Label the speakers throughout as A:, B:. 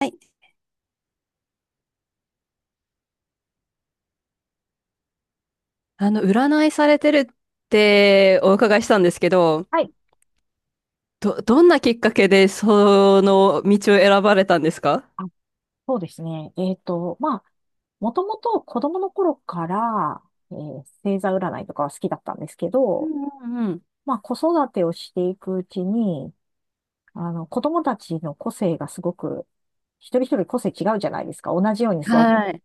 A: はい。占いされてるってお伺いしたんですけど、
B: はい。
A: どんなきっかけでその道を選ばれたんですか？
B: あ、そうですね。まあ、もともと子供の頃から、星座占いとかは好きだったんですけ
A: う
B: ど、
A: んうんうん。
B: まあ、子育てをしていくうちに、子供たちの個性がすごく、一人一人個性違うじゃないですか。同じように育てて。
A: はい。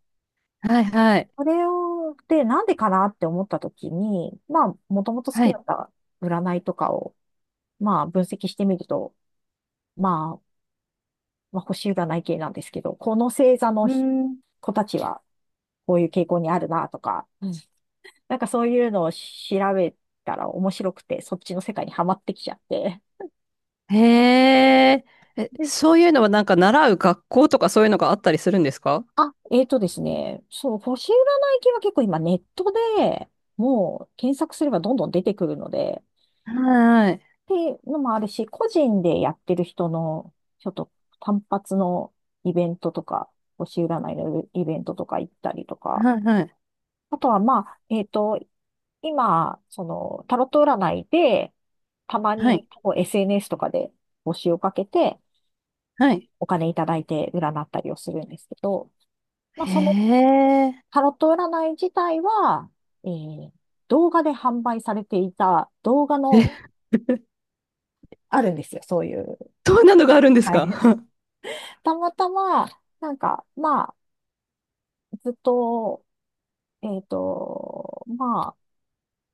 A: はいはい。
B: それを、で、なんでかなって思った時に、まあ、もともと好
A: は
B: きだ
A: い。
B: った占いとかを、まあ、分析してみると、まあ、まあ、星占い系なんですけど、この星座の
A: うん。
B: 子たちは、こういう傾向にあるなとか、なんかそういうのを調べたら面白くて、そっちの世界にはまってきちゃって。
A: へえ。え、
B: で
A: そういうのはなんか習う学校とかそういうのがあったりするんですか？
B: あ、えーとですね、そう、星占い系は結構今ネットでもう検索すればどんどん出てくるので、
A: はい
B: っていうのもあるし、個人でやってる人の、ちょっと単発のイベントとか、星占いのイベントとか行ったりとか、
A: はい。はい
B: あとは、まあ、今、その、タロット占いで、たま
A: は
B: に
A: い。
B: こう SNS とかで募集をかけて、
A: はい。
B: お金いただいて占ったりをするんですけど、まあ、
A: へ
B: その
A: え。
B: タロット占い自体は、えー動画で販売されていた動画
A: え、
B: の あるんですよ、そういう。
A: どんなのがあるんです
B: は
A: か？
B: い。
A: は
B: たまたま、なんか、まあ、ずっと、えっと、ま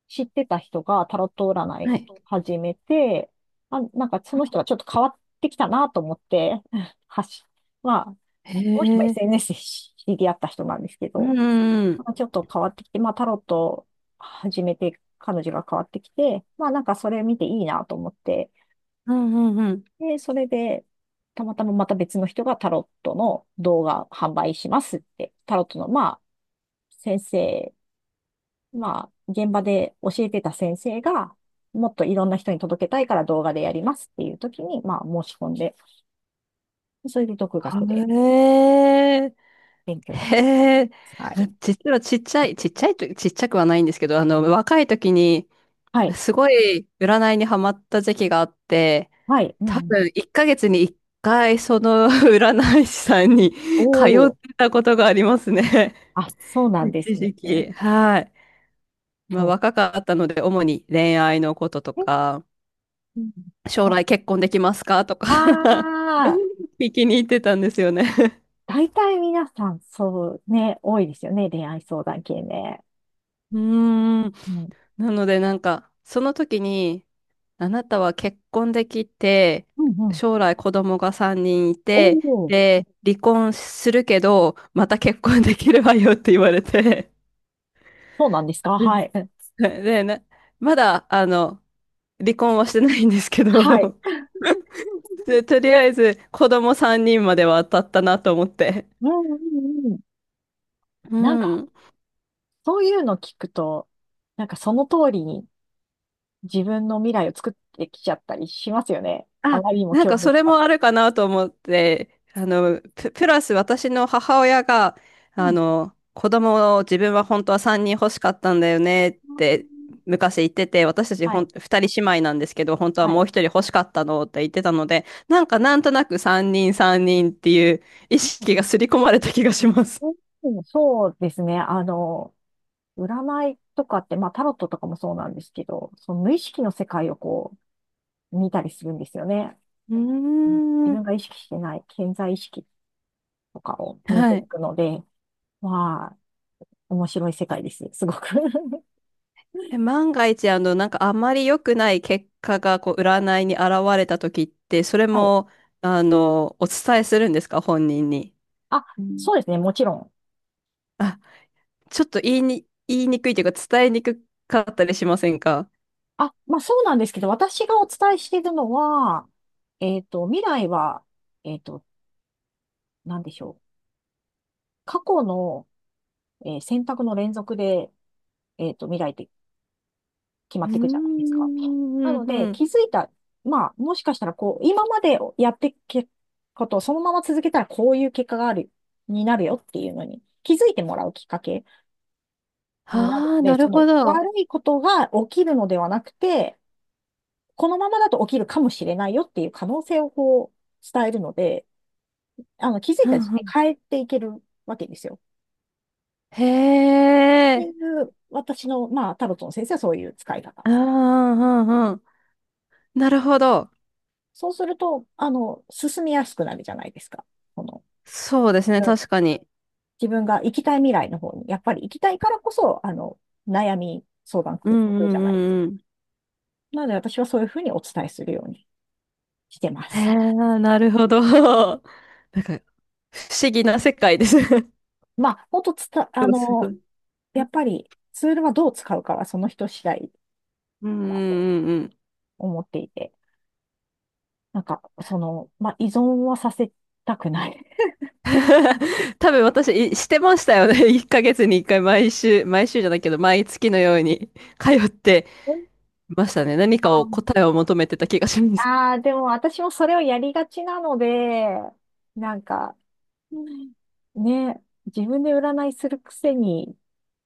B: 知ってた人がタロット占い
A: い。
B: 始めて、あ、なんかその人がちょっと変わってきたなと思って、はし、まあ、
A: へ
B: その人も
A: え。
B: SNS で知り合った人なんですけ
A: うん
B: ど、
A: うんう
B: なん
A: ん。
B: かちょっと変わってきて、まあタロット始めて彼女が変わってきて、まあなんかそれ見ていいなと思って、
A: うんうん。
B: で、それで、たまたままた別の人がタロットの動画販売しますって、タロットの、まあ、先生、まあ、現場で教えてた先生が、もっといろんな人に届けたいから動画でやりますっていう時に、まあ、申し込んで、それで独学で
A: へえ、
B: 勉強し
A: へ
B: て。
A: え、
B: はい。
A: 実はちっちゃくはないんですけど、若い時に、
B: はい。
A: すごい占いにハマった時期があって、
B: はい。うん
A: 多
B: うん。
A: 分1ヶ月に1回その 占い師さんに通
B: お
A: っ
B: ー。
A: てたことがありますね。
B: あ、そうなんで
A: 一
B: すね。
A: 時期。はい。まあ
B: そ
A: 若かったので、主に恋愛のことと
B: う。え、
A: か、
B: うん、
A: 将来結婚できますかとか
B: あ あー、
A: 聞きに行ってたんですよね。
B: 大体皆さん、そうね、多いですよね。恋愛相談系ね。
A: うーん。
B: うん。
A: なのでなんか、その時に、あなたは結婚できて、
B: うんうん。
A: 将来子供が3人い
B: お
A: て、
B: お
A: で、離婚するけど、また結婚できるわよって言われて、
B: そうなんですか
A: う
B: は
A: ん。
B: い。うん
A: で、まだ、離婚はしてないんですけ
B: はい。
A: ど、で、とりあえず子供3人までは当たったなと思って。
B: うんうんうん。
A: う
B: なんか
A: ん。
B: そういうの聞くと、なんかその通りに自分の未来を作ってきちゃったりしますよね。あ
A: あ、
B: まりにも
A: なん
B: 強
A: かそ
B: 烈
A: れ
B: だ
A: もあ
B: と。
A: るかなと思って、プラス私の母親が、
B: うん。
A: 子供を自分は本当は3人欲しかったんだよねって昔言ってて、私たち
B: はい。
A: 2人姉妹なんですけど、本当は
B: は
A: も
B: い。
A: う1人欲しかったのって言ってたので、なんかなんとなく3人3人っていう意識が刷り込まれた気がします。
B: うんうんそうですね。占いとかって、まあタロットとかもそうなんですけど、その無意識の世界をこう見たりするんですよね。
A: う
B: 自
A: ーん。
B: 分が意識してない潜在意識とかを見て
A: は
B: い
A: い。
B: くので、まあ、面白い世界です。すごく
A: え、万が一、なんかあまり良くない結果が、占いに現れた時って、それ
B: はい。
A: も、お伝えするんですか、本人に？
B: あ、うんそうですね。もちろん。
A: あ、ちょっと言いにくいというか、伝えにくかったりしませんか？
B: あ、まあそうなんですけど、私がお伝えしているのは、未来は、えっと、なんでしょう。過去の、選択の連続で、未来って決ま
A: う
B: っ
A: ー
B: ていくじゃないですか。
A: ん、
B: な
A: うん、
B: の
A: う
B: で、
A: ん。
B: 気づいた、まあ、もしかしたら、こう、今までやってきことをそのまま続けたら、こういう結果がある、になるよっていうのに、気づいてもらうきっかけになる
A: あ
B: の
A: あ、
B: で、
A: な
B: そ
A: る
B: の
A: ほど。
B: 悪いことが起きるのではなくて、このままだと起きるかもしれないよっていう可能性をこう伝えるので、気づ
A: う
B: いた時
A: んう
B: 点で
A: ん。
B: 変えていけるわけですよ。
A: へ
B: ってい
A: え。
B: う私の、まあ、タロットの先生はそういう使い方。
A: うんうんうんうん。なるほど。
B: そうすると、進みやすくなるじゃないですか。この、
A: そうですね、
B: うん、
A: 確かに。
B: 自分が行きたい未来の方に、やっぱり行きたいからこそ、悩み相談
A: う
B: く
A: んう
B: るじゃないですか。
A: んうんうん。
B: なので私はそういうふうにお伝えするようにしてま
A: へ
B: す。
A: え、なるほど。なんか、不思議な世界です。
B: まあ、もっとつた、あ
A: でもすご
B: の、
A: い。
B: やっぱりツールはどう使うかはその人次第
A: うんうんうんうん。
B: 思っていて、なんか、その、まあ、依存はさせたくない。
A: 多分私、いしてましたよね。1ヶ月に1回毎週、毎週じゃないけど、毎月のように通って
B: うん
A: ましたね。何かを答えを求めてた気がします。
B: ああでも私もそれをやりがちなので、なんか、うんね、自分で占いするくせに、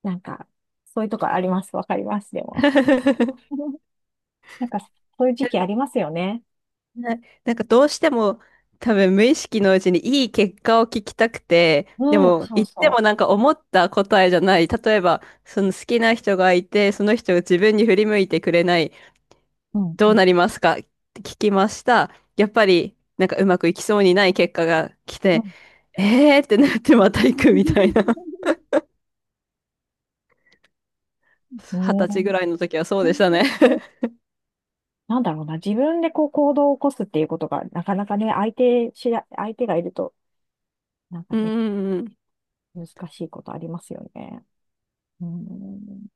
B: なんか、そういうとこあります。わかります、でも。なんか、そういう時期ありますよね。
A: はい。なんかどうしても多分無意識のうちにいい結果を聞きたくて、で
B: うん、
A: も
B: そう
A: 言っても
B: そ
A: なんか思った答えじゃない。例えば、その好きな人がいて、その人が自分に振り向いてくれない。
B: う。うん、
A: ど
B: う
A: う
B: ん、
A: なりますかって聞きました。やっぱりなんかうまくいきそうにない結果が来て、えーってなってまた行くみたいな。
B: う
A: 二十
B: ん。
A: 歳ぐ
B: ね
A: らいの時はそうでしたね。
B: なんだろうな、自分でこう行動を起こすっていうことが、なかなかね、相手がいると、なん か
A: うんう
B: ね、
A: んうん。
B: 難しいことありますよね。うん、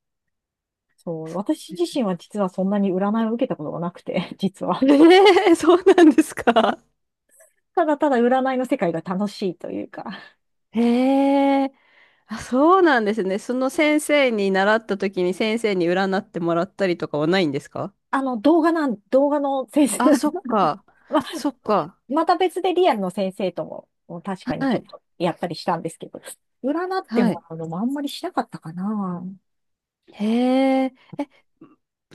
B: そう、
A: そ
B: 私
A: うで
B: 自
A: す。
B: 身は実はそんなに占いを受けたことがなくて、実 は。
A: えー、そうなんですか。
B: ただただ占いの世界が楽しいというか、
A: へえ。あ、そうなんですね。その先生に習った時に先生に占ってもらったりとかはないんですか？
B: 動画の先生
A: あ、
B: なん、
A: そっか。
B: まあ、
A: そっか。
B: また別でリアルの先生とも、もう確かに
A: は
B: ちょっ
A: い。
B: とやったりしたんですけど、占って
A: は
B: も
A: い。
B: らうのもあんまりしなかったかな。
A: へえ。え、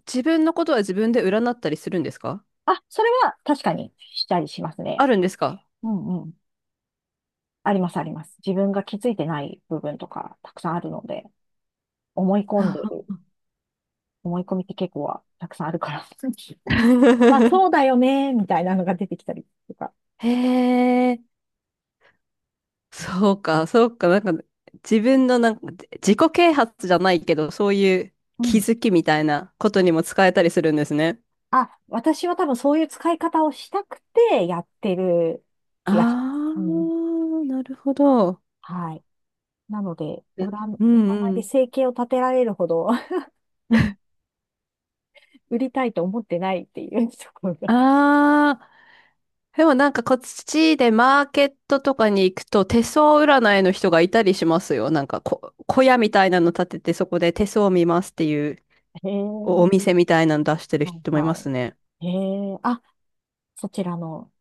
A: 自分のことは自分で占ったりするんですか？
B: あ、それは確かにしたりします
A: あ
B: ね。
A: るんですか？
B: うんうん。ありますあります。自分が気づいてない部分とかたくさんあるので、思い込ん
A: あ
B: でいる思い込みって結構はたくさんあるから。あ、そう だよね、みたいなのが出てきたりとか。
A: へえ。そうか、そうか。なんか、自分のなんか、自己啓発じゃないけど、そういう
B: う
A: 気
B: ん。
A: づきみたいなことにも使えたりするんですね。
B: あ、私は多分そういう使い方をしたくてやってる
A: あ
B: 気がします。うん。
A: あ、なるほど。
B: はい。なので、
A: うん
B: 占い
A: う
B: で
A: ん。
B: 生計を立てられるほど 売りたいと思ってないっていうところが。
A: ああ、でもなんかこっちでマーケットとかに行くと手相占いの人がいたりしますよ。なんか小屋みたいなの建ててそこで手相を見ますっていう
B: へ
A: お、
B: え、
A: お店みたいなの出してる
B: はい
A: 人もい
B: は
A: ます
B: い。
A: ね。
B: へえ、あ、そちらの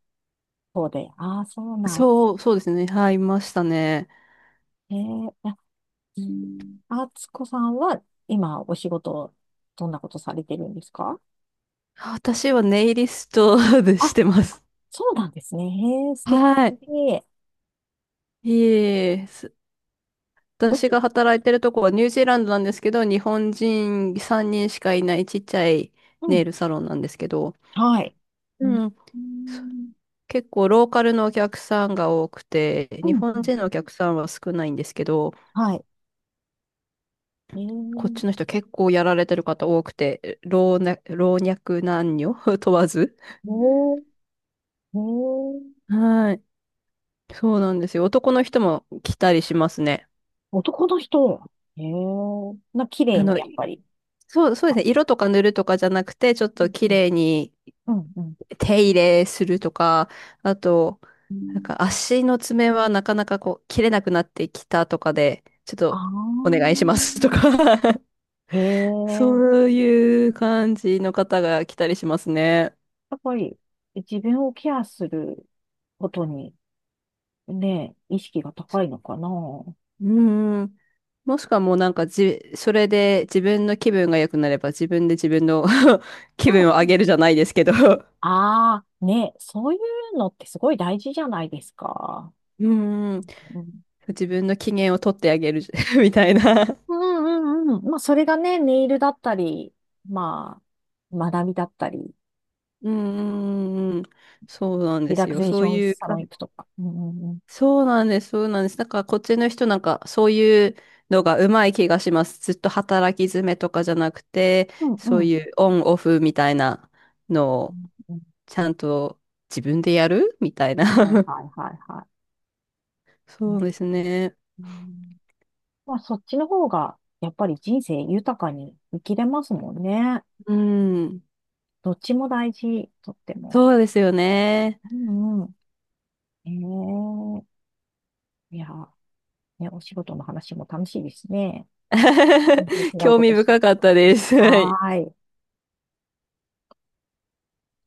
B: 方で。ああ、そうなん。
A: そう、そうですね。はい、いましたね。
B: へえ、あ、うんあつこさんは今お仕事、どんなことされてるんですか。
A: 私はネイリストでし
B: あ、
A: てます。
B: そうなんですね。へえ、素敵。
A: はい。いえいえ、す
B: どっ
A: 私
B: ち
A: が働いてるとこはニュージーランドなんですけど、日本人3人しかいないちっちゃい
B: う
A: ネ
B: ん。
A: イルサロンなんですけど、
B: はい。
A: う
B: うん。
A: ん。
B: うん。
A: 結構ローカルのお客さんが多くて、
B: う
A: 日
B: ん
A: 本人のお客さんは少ないんですけど、
B: はい。へ
A: こっち
B: え。
A: の人結構やられてる方多くて、老若男女 問わず。
B: おー。へえ。
A: はい。そうなんですよ。男の人も来たりしますね。
B: 男の人。へえ。綺麗
A: あ
B: に、
A: の、
B: やっぱり。
A: そう、そうで
B: はい
A: すね。色とか塗るとかじゃなくて、ちょっ
B: う
A: と
B: ん
A: 綺麗に
B: うん。うん。
A: 手入れするとか、あと、
B: う
A: なん
B: ん。
A: か足の爪はなかなかこう切れなくなってきたとかで、ちょっ
B: あ
A: とお願いしますとか
B: あ。へえ。
A: そういう感じの方が来たりしますね。
B: やっぱり、自分をケアすることに、ね、意識が高いのかな。う
A: うん。もしくはもうなんかそれで自分の気分が良くなれば自分で自分の 気分を
B: ん
A: 上げるじゃないですけど。
B: ああ、ね、そういうのってすごい大事じゃないですか。
A: うん。
B: うん、
A: 自分の機嫌を取ってあげる みたいな。
B: うんうんうん。まあ、それがね、ネイルだったり、まあ、学びだったり、
A: うん。そうなん
B: リ
A: で
B: ラ
A: す
B: ク
A: よ。
B: ゼー
A: そ
B: シ
A: う
B: ョン
A: いう
B: サロ
A: 感
B: ン行くとか。うんうんうん。
A: そうなんです、そうなんです。だからこっちの人なんかそういうのがうまい気がします。ずっと働き詰めとかじゃなくて、
B: うんう
A: そ
B: ん。
A: う
B: うん
A: いうオンオフみたいなのを
B: うん
A: ちゃんと自分でやるみたいな。
B: はい はいはいは
A: そ
B: い。
A: うですね。
B: うんまあ、そっちの方が、やっぱり人生豊かに生きれますもんね。
A: うん。
B: どっちも大事、とっても。
A: そうですよね。
B: うんうん。ええいや、ね、お仕事の話も楽しいですね。全然 違う
A: 興
B: こ
A: 味
B: として。
A: 深かったです。はい。
B: はーい。